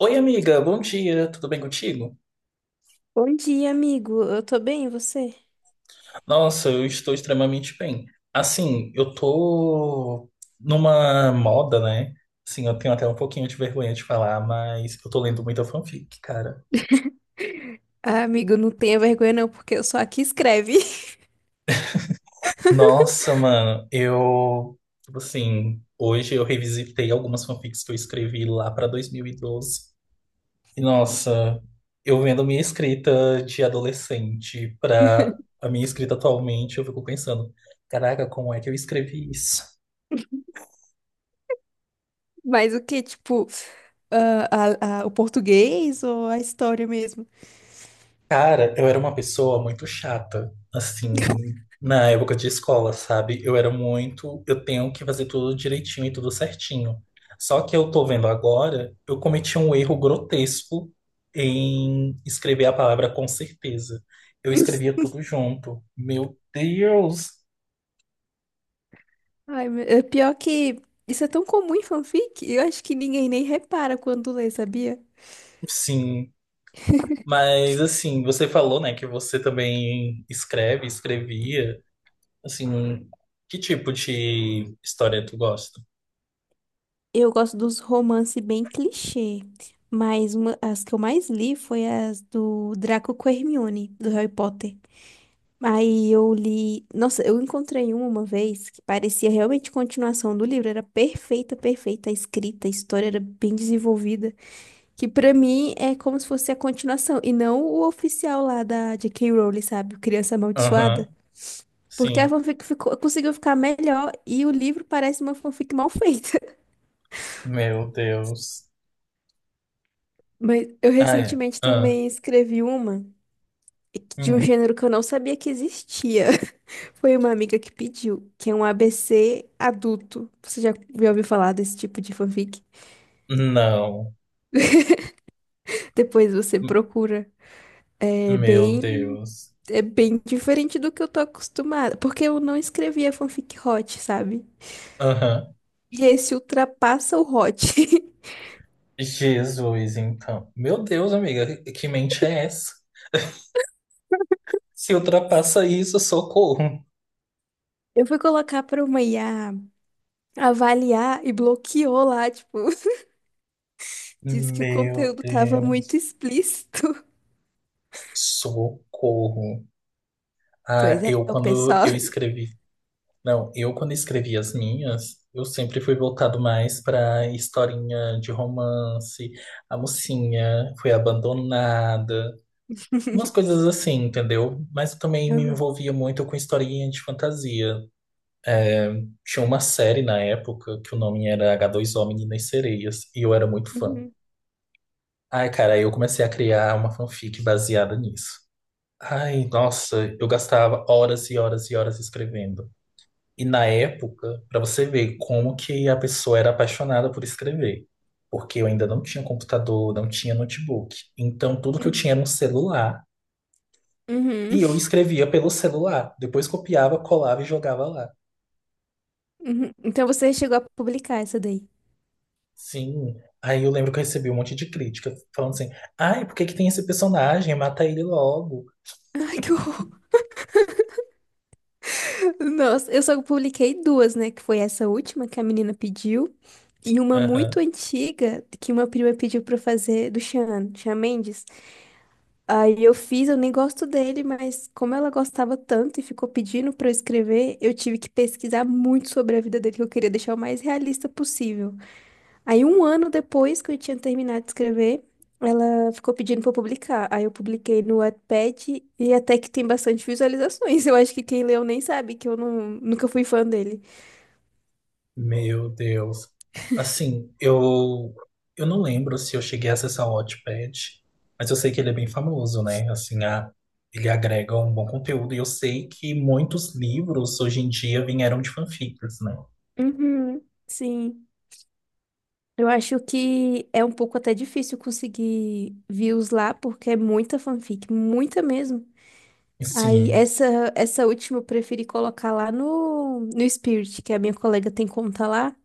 Oi, amiga, bom dia, tudo bem contigo? Bom dia, amigo. Eu tô bem, e você? Nossa, eu estou extremamente bem. Assim, eu tô numa moda, né? Sim, eu tenho até um pouquinho de vergonha de falar, mas eu tô lendo muita fanfic, cara. Ah, amigo, não tenha vergonha não, porque eu sou a que escreve. Nossa, mano, eu, tipo assim, hoje eu revisitei algumas fanfics que eu escrevi lá pra 2012. E doze. E nossa, eu vendo minha escrita de adolescente pra a minha escrita atualmente, eu fico pensando, caraca, como é que eu escrevi isso? Mas o que, tipo, ah, o português ou a história mesmo? Cara, eu era uma pessoa muito chata, assim, na época de escola, sabe? Eu era muito, eu tenho que fazer tudo direitinho e tudo certinho. Só que eu tô vendo agora, eu cometi um erro grotesco em escrever a palavra com certeza. Eu escrevia tudo junto. Meu Deus! Ai, é pior que isso é tão comum em fanfic, eu acho que ninguém nem repara quando lê, sabia? Sim, mas assim, você falou, né, que você também escreve, escrevia. Assim, que tipo de história tu gosta? Eu gosto dos romances bem clichê, mas as que eu mais li foi as do Draco com Hermione, do Harry Potter. Aí eu li. Nossa, eu encontrei uma vez que parecia realmente continuação do livro. Era perfeita, perfeita a escrita, a história era bem desenvolvida. Que pra mim é como se fosse a continuação. E não o oficial lá da J.K. Rowling, sabe? O Criança Aham, Amaldiçoada. Porque a sim. fanfic conseguiu ficar melhor e o livro parece uma fanfic mal feita. Meu Deus. Mas eu Ai, recentemente ah, também escrevi uma, de um hum, gênero que eu não sabia que existia. Foi uma amiga que pediu, que é um ABC adulto. Você já ouviu falar desse tipo de fanfic? não. Depois você M- procura. É Meu bem, Deus. é bem diferente do que eu tô acostumada, porque eu não escrevia fanfic hot, sabe? Aham. E esse ultrapassa o hot. Jesus, então. Meu Deus, amiga, que mente é essa? Se ultrapassa isso, socorro. Eu fui colocar pra uma IA avaliar e bloqueou lá, tipo, disse que o Meu conteúdo tava muito Deus. explícito. Socorro. Ah, Pois é, eu o quando pessoal. eu escrevi. Não, eu quando escrevi as minhas, eu sempre fui voltado mais pra historinha de romance. A mocinha foi abandonada. Umas coisas assim, entendeu? Mas eu também me Uhum. envolvia muito com historinha de fantasia. Tinha uma série na época que o nome era H2O Meninas e Sereias, e eu era muito fã. Ai, cara, aí eu comecei a criar uma fanfic baseada nisso. Ai, nossa, eu gastava horas e horas e horas escrevendo. E na época, pra você ver como que a pessoa era apaixonada por escrever. Porque eu ainda não tinha computador, não tinha notebook. Então, tudo que eu Uhum. tinha era um celular. Uhum, E eu escrevia pelo celular, depois copiava, colava e jogava lá. uhum. Então você chegou a publicar essa daí. Sim. Aí eu lembro que eu recebi um monte de crítica, falando assim: ai, por que que tem esse personagem? Mata ele logo. Ai, que horror. Nossa, eu só publiquei duas, né? Que foi essa última que a menina pediu. E uma muito Aham. antiga que uma prima pediu pra eu fazer do Sean, Sean Mendes. Aí eu fiz, eu nem gosto dele, mas como ela gostava tanto e ficou pedindo pra eu escrever, eu tive que pesquisar muito sobre a vida dele, que eu queria deixar o mais realista possível. Aí, um ano depois que eu tinha terminado de escrever, ela ficou pedindo pra eu publicar. Aí, eu publiquei no Wattpad e até que tem bastante visualizações. Eu acho que quem leu nem sabe que eu não, nunca fui fã dele. Meu Deus. Assim, eu não lembro se eu cheguei a acessar o Wattpad, mas eu sei que ele é bem famoso, né? Assim, a, ele agrega um bom conteúdo. E eu sei que muitos livros hoje em dia vieram de fanfics, né? Uhum. Sim. Eu acho que é um pouco até difícil conseguir views lá, porque é muita fanfic, muita mesmo. Aí, Sim. essa última eu preferi colocar lá no Spirit, que a minha colega tem conta lá.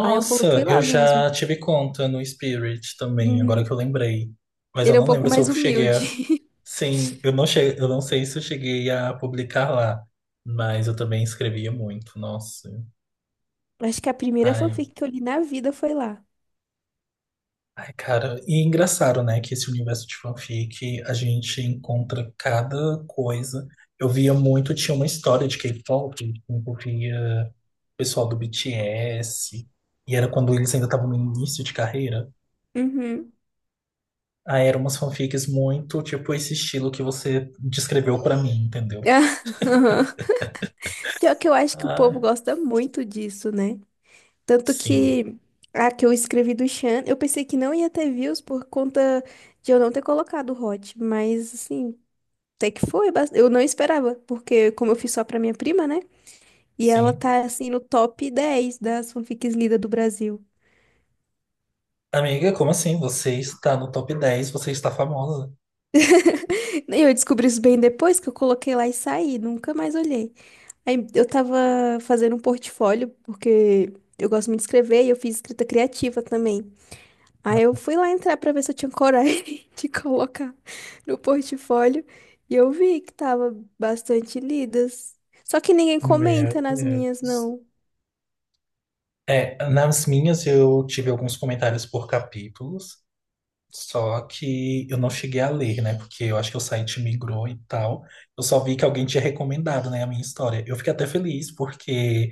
Aí, eu coloquei eu lá mesmo. já tive conta no Spirit também, agora que Uhum. eu lembrei. Mas eu Ele é um não pouco lembro se mais eu cheguei humilde. a. Sim, eu não sei se eu cheguei a publicar lá. Mas eu também escrevia muito, nossa. Acho que a primeira Ai, fanfic que eu li na vida foi lá. ai, cara. E engraçado, né, que esse universo de fanfic, a gente encontra cada coisa. Eu via muito, tinha uma história de K-pop que envolvia o pessoal do BTS. E era quando eles ainda estavam no início de carreira. Uhum. Ah, eram umas fanfics muito, tipo, esse estilo que você descreveu pra mim, entendeu? Pior que eu acho que o povo Ah, gosta muito disso, né? Tanto sim, que a que eu escrevi do Chan, eu pensei que não ia ter views por conta de eu não ter colocado o Hot, mas assim, até que foi, eu não esperava, porque como eu fiz só pra minha prima, né? E ela sim. tá assim no top 10 das fanfics lidas do Brasil. Amiga, como assim? Você está no top dez, você está famosa. E eu descobri isso bem depois que eu coloquei lá e saí, nunca mais olhei. Aí eu tava fazendo um portfólio, porque eu gosto muito de escrever e eu fiz escrita criativa também. Aí eu fui lá entrar pra ver se eu tinha coragem de colocar no portfólio e eu vi que tava bastante lidas. Só que ninguém comenta Meu nas minhas, Deus. não. É, nas minhas eu tive alguns comentários por capítulos, só que eu não cheguei a ler, né? Porque eu acho que o site migrou e tal. Eu só vi que alguém tinha recomendado, né, a minha história. Eu fiquei até feliz, porque,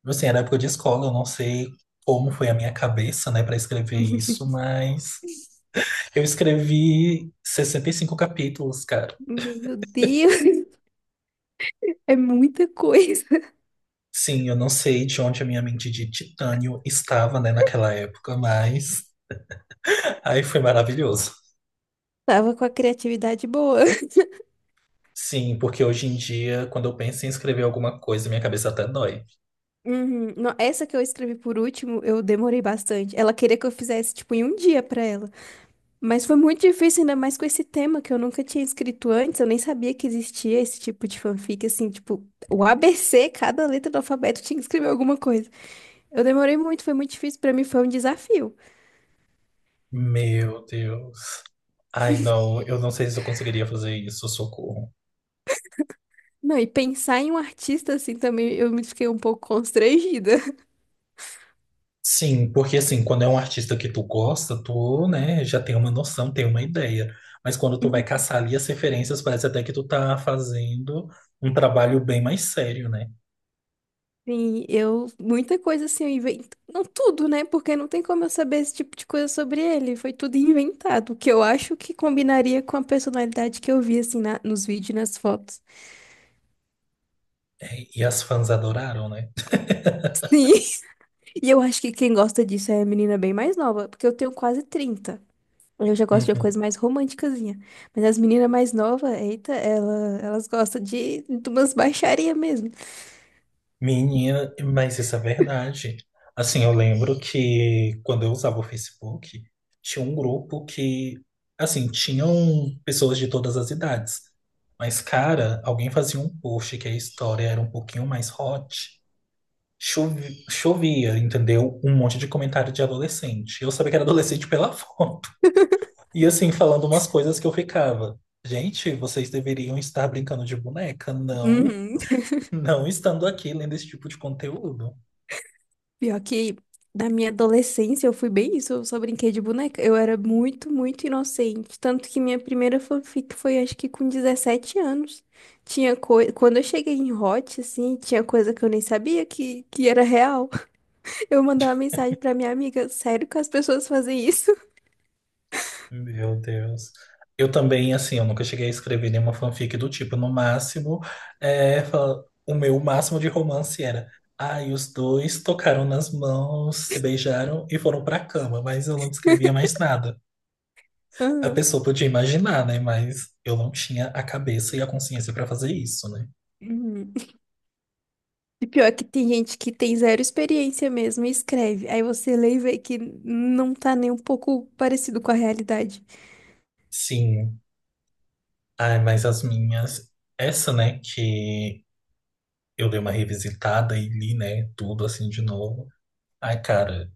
tipo assim, era época de escola, eu não sei como foi a minha cabeça, né, para escrever isso, mas eu escrevi 65 capítulos, cara. Meu Deus, é muita coisa. Sim, eu não sei de onde a minha mente de titânio estava, né, naquela época, mas aí foi maravilhoso. Tava com a criatividade boa. Sim, porque hoje em dia, quando eu penso em escrever alguma coisa, minha cabeça até dói. Uhum. Não, essa que eu escrevi por último, eu demorei bastante. Ela queria que eu fizesse, tipo, em um dia pra ela. Mas foi muito difícil, ainda mais com esse tema que eu nunca tinha escrito antes, eu nem sabia que existia esse tipo de fanfic, assim, tipo, o ABC, cada letra do alfabeto tinha que escrever alguma coisa. Eu demorei muito, foi muito difícil, pra mim foi um desafio. Meu Deus. Ai, não, eu não sei se eu conseguiria fazer isso, socorro. Não, e pensar em um artista, assim, também eu me fiquei um pouco constrangida. Sim, porque assim, quando é um artista que tu gosta, tu, né, já tem uma noção, tem uma ideia. Mas quando tu vai caçar ali as referências, parece até que tu tá fazendo um trabalho bem mais sério, né? Sim, muita coisa assim, eu invento, não tudo, né? Porque não tem como eu saber esse tipo de coisa sobre ele, foi tudo inventado, o que eu acho que combinaria com a personalidade que eu vi, assim, nos vídeos, e nas fotos. É, e as fãs adoraram, né? Sim. E eu acho que quem gosta disso é a menina bem mais nova, porque eu tenho quase trinta. Eu já gosto de uma Uhum. coisa mais românticazinha. Mas as meninas mais novas, eita, elas gostam de umas baixaria mesmo. Menina, mas isso é verdade. Assim, eu lembro que quando eu usava o Facebook, tinha um grupo que, assim, tinham pessoas de todas as idades. Mas, cara, alguém fazia um post que a história era um pouquinho mais hot. Chovia, entendeu? Um monte de comentário de adolescente. Eu sabia que era adolescente pela foto. E assim, falando umas coisas que eu ficava. Gente, vocês deveriam estar brincando de boneca, não, Uhum. não estando aqui lendo esse tipo de conteúdo. Pior que na minha adolescência eu fui bem isso, eu só brinquei de boneca. Eu era muito, muito inocente. Tanto que minha primeira fanfic foi acho que com 17 anos. Tinha coisa. Quando eu cheguei em Hot, assim, tinha coisa que eu nem sabia que era real. Eu mandar uma mensagem pra minha amiga, sério que as pessoas fazem isso? Meu Deus. Eu também, assim, eu nunca cheguei a escrever nenhuma fanfic do tipo. No máximo, é, o meu máximo de romance era. Ai, os dois tocaram nas mãos, se beijaram e foram pra cama, mas eu não escrevia mais nada. A Aham. pessoa podia imaginar, né? Mas eu não tinha a cabeça e a consciência para fazer isso, né? Uhum. E pior que tem gente que tem zero experiência mesmo e escreve. Aí você lê e vê que não tá nem um pouco parecido com a realidade. Sim. Ai, mas as minhas. Essa, né? Que eu dei uma revisitada e li, né? Tudo assim de novo. Ai, cara.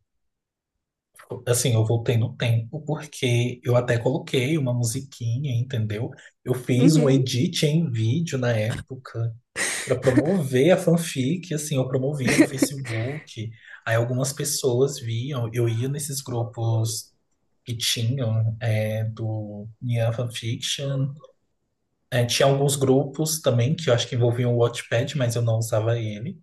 Assim, eu voltei no tempo porque eu até coloquei uma musiquinha, entendeu? Eu fiz um Uhum. edit em vídeo na época, para promover a fanfic, assim, eu promovia no Facebook. Aí algumas pessoas viam, eu ia nesses grupos que tinham do Nyan Fanfiction. É, tinha alguns grupos também que eu acho que envolviam o Wattpad, mas eu não usava ele.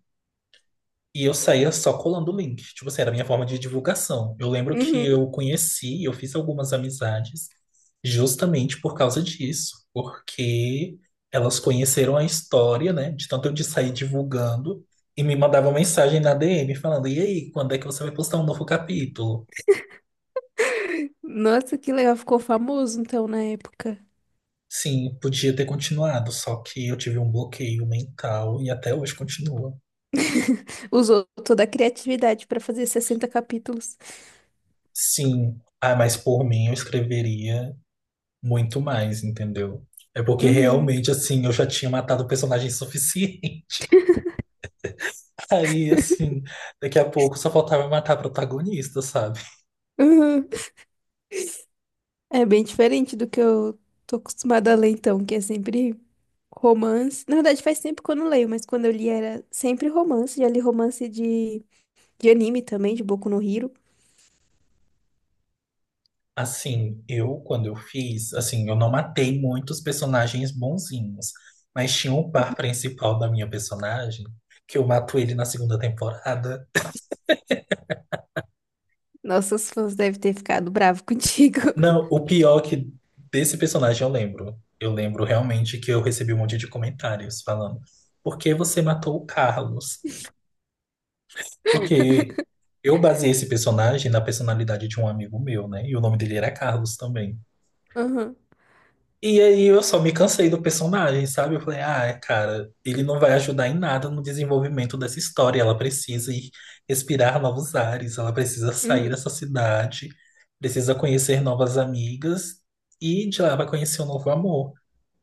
E eu saía só colando o link. Tipo assim, era a minha forma de divulgação. Eu lembro que Uhum. eu conheci, eu fiz algumas amizades justamente por causa disso. Porque elas conheceram a história, né? De tanto eu de sair divulgando e me mandavam mensagem na DM falando: e aí, quando é que você vai postar um novo capítulo? Nossa, que legal, ficou famoso então na época. Sim, podia ter continuado, só que eu tive um bloqueio mental e até hoje continua. Usou toda a criatividade pra fazer 60 capítulos. Sim, ah, mas por mim eu escreveria muito mais, entendeu? É porque Uhum. realmente, assim, eu já tinha matado o personagem suficiente. Aí, assim, daqui a pouco só faltava matar a protagonista, sabe? Uhum. É bem diferente do que eu tô acostumada a ler então, que é sempre romance. Na verdade, faz tempo que eu não leio, mas quando eu li era sempre romance. Já li romance de anime também, de Boku no Hero. Assim, eu, quando eu fiz, assim, eu não matei muitos personagens bonzinhos, mas tinha um par principal da minha personagem, que eu mato ele na segunda temporada. Nossos fãs devem ter ficado bravo contigo. Não, o pior é que desse personagem eu lembro. Eu lembro realmente que eu recebi um monte de comentários falando, por que você matou o Carlos? Porque eu baseei esse personagem na personalidade de um amigo meu, né? E o nome dele era Carlos também. Aham. E aí eu só me cansei do personagem, sabe? Eu falei, ah, cara, ele não vai ajudar em nada no desenvolvimento dessa história. Ela precisa ir respirar novos ares, ela precisa sair Uhum. dessa cidade, precisa conhecer novas amigas e de lá vai conhecer um novo amor.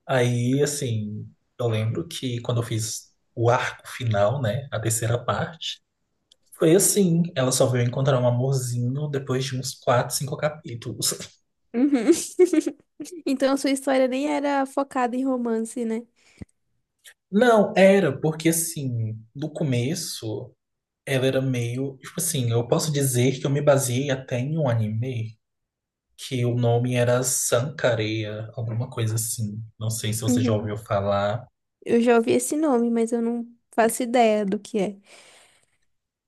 Aí, assim, eu lembro que quando eu fiz o arco final, né? A terceira parte. Foi assim, ela só veio encontrar um amorzinho depois de uns quatro, cinco capítulos. Uhum. Então, a sua história nem era focada em romance, né? Não, era porque assim, do começo, ela era meio, tipo assim, eu posso dizer que eu me baseei até em um anime que o nome era Sankareya, alguma coisa assim. Não sei se você já Uhum. ouviu falar. Eu já ouvi esse nome, mas eu não faço ideia do que é.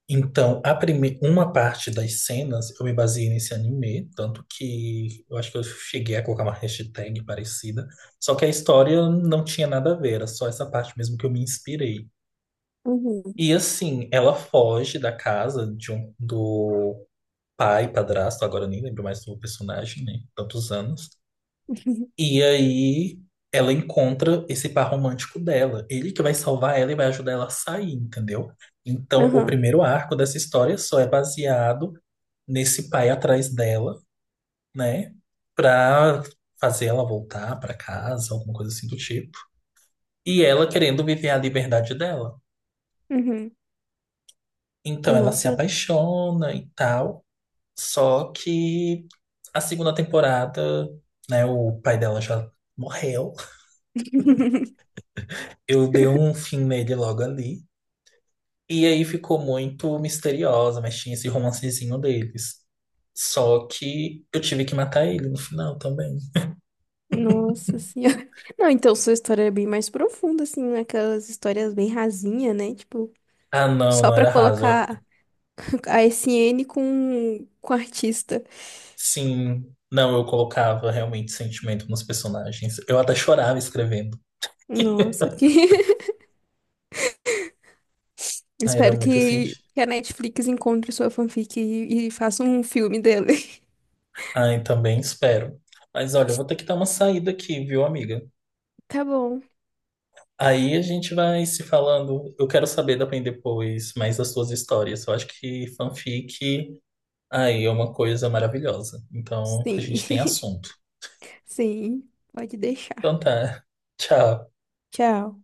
Então, uma parte das cenas eu me baseei nesse anime, tanto que eu acho que eu cheguei a colocar uma hashtag parecida, só que a história não tinha nada a ver, era só essa parte mesmo que eu me inspirei. Uhum. E assim, ela foge da casa de do pai, padrasto, agora eu nem lembro mais do personagem, né? Tantos anos. E aí ela encontra esse par romântico dela, ele que vai salvar ela e vai ajudar ela a sair, entendeu? Então, o Aham. primeiro arco dessa história só é baseado nesse pai atrás dela, né? Pra fazer ela voltar pra casa, alguma coisa assim do tipo. E ela querendo viver a liberdade dela. Uhum. Então ela se Nossa. apaixona e tal. Só que a segunda temporada, né? O pai dela já morreu. Eu dei um fim nele logo ali. E aí ficou muito misteriosa, mas tinha esse romancezinho deles. Só que eu tive que matar ele no final também. Nossa senhora. Não, então sua história é bem mais profunda, assim, né? Aquelas histórias bem rasinha, né? Tipo, Ah, não, só não pra era raso. colocar a SN com artista. Sim, não, eu colocava realmente sentimento nos personagens. Eu até chorava escrevendo. Nossa, que... Ah, era Espero muito assim. que a Netflix encontre sua fanfic e faça um filme dele. Ai, também espero. Mas olha, eu vou ter que dar uma saída aqui, viu, amiga? Tá bom. Aí a gente vai se falando. Eu quero saber também depois mais das suas histórias. Eu acho que fanfic, aí é uma coisa maravilhosa. Então a Sim. gente tem assunto. Sim, pode Então deixar. tá. Tchau. Tchau.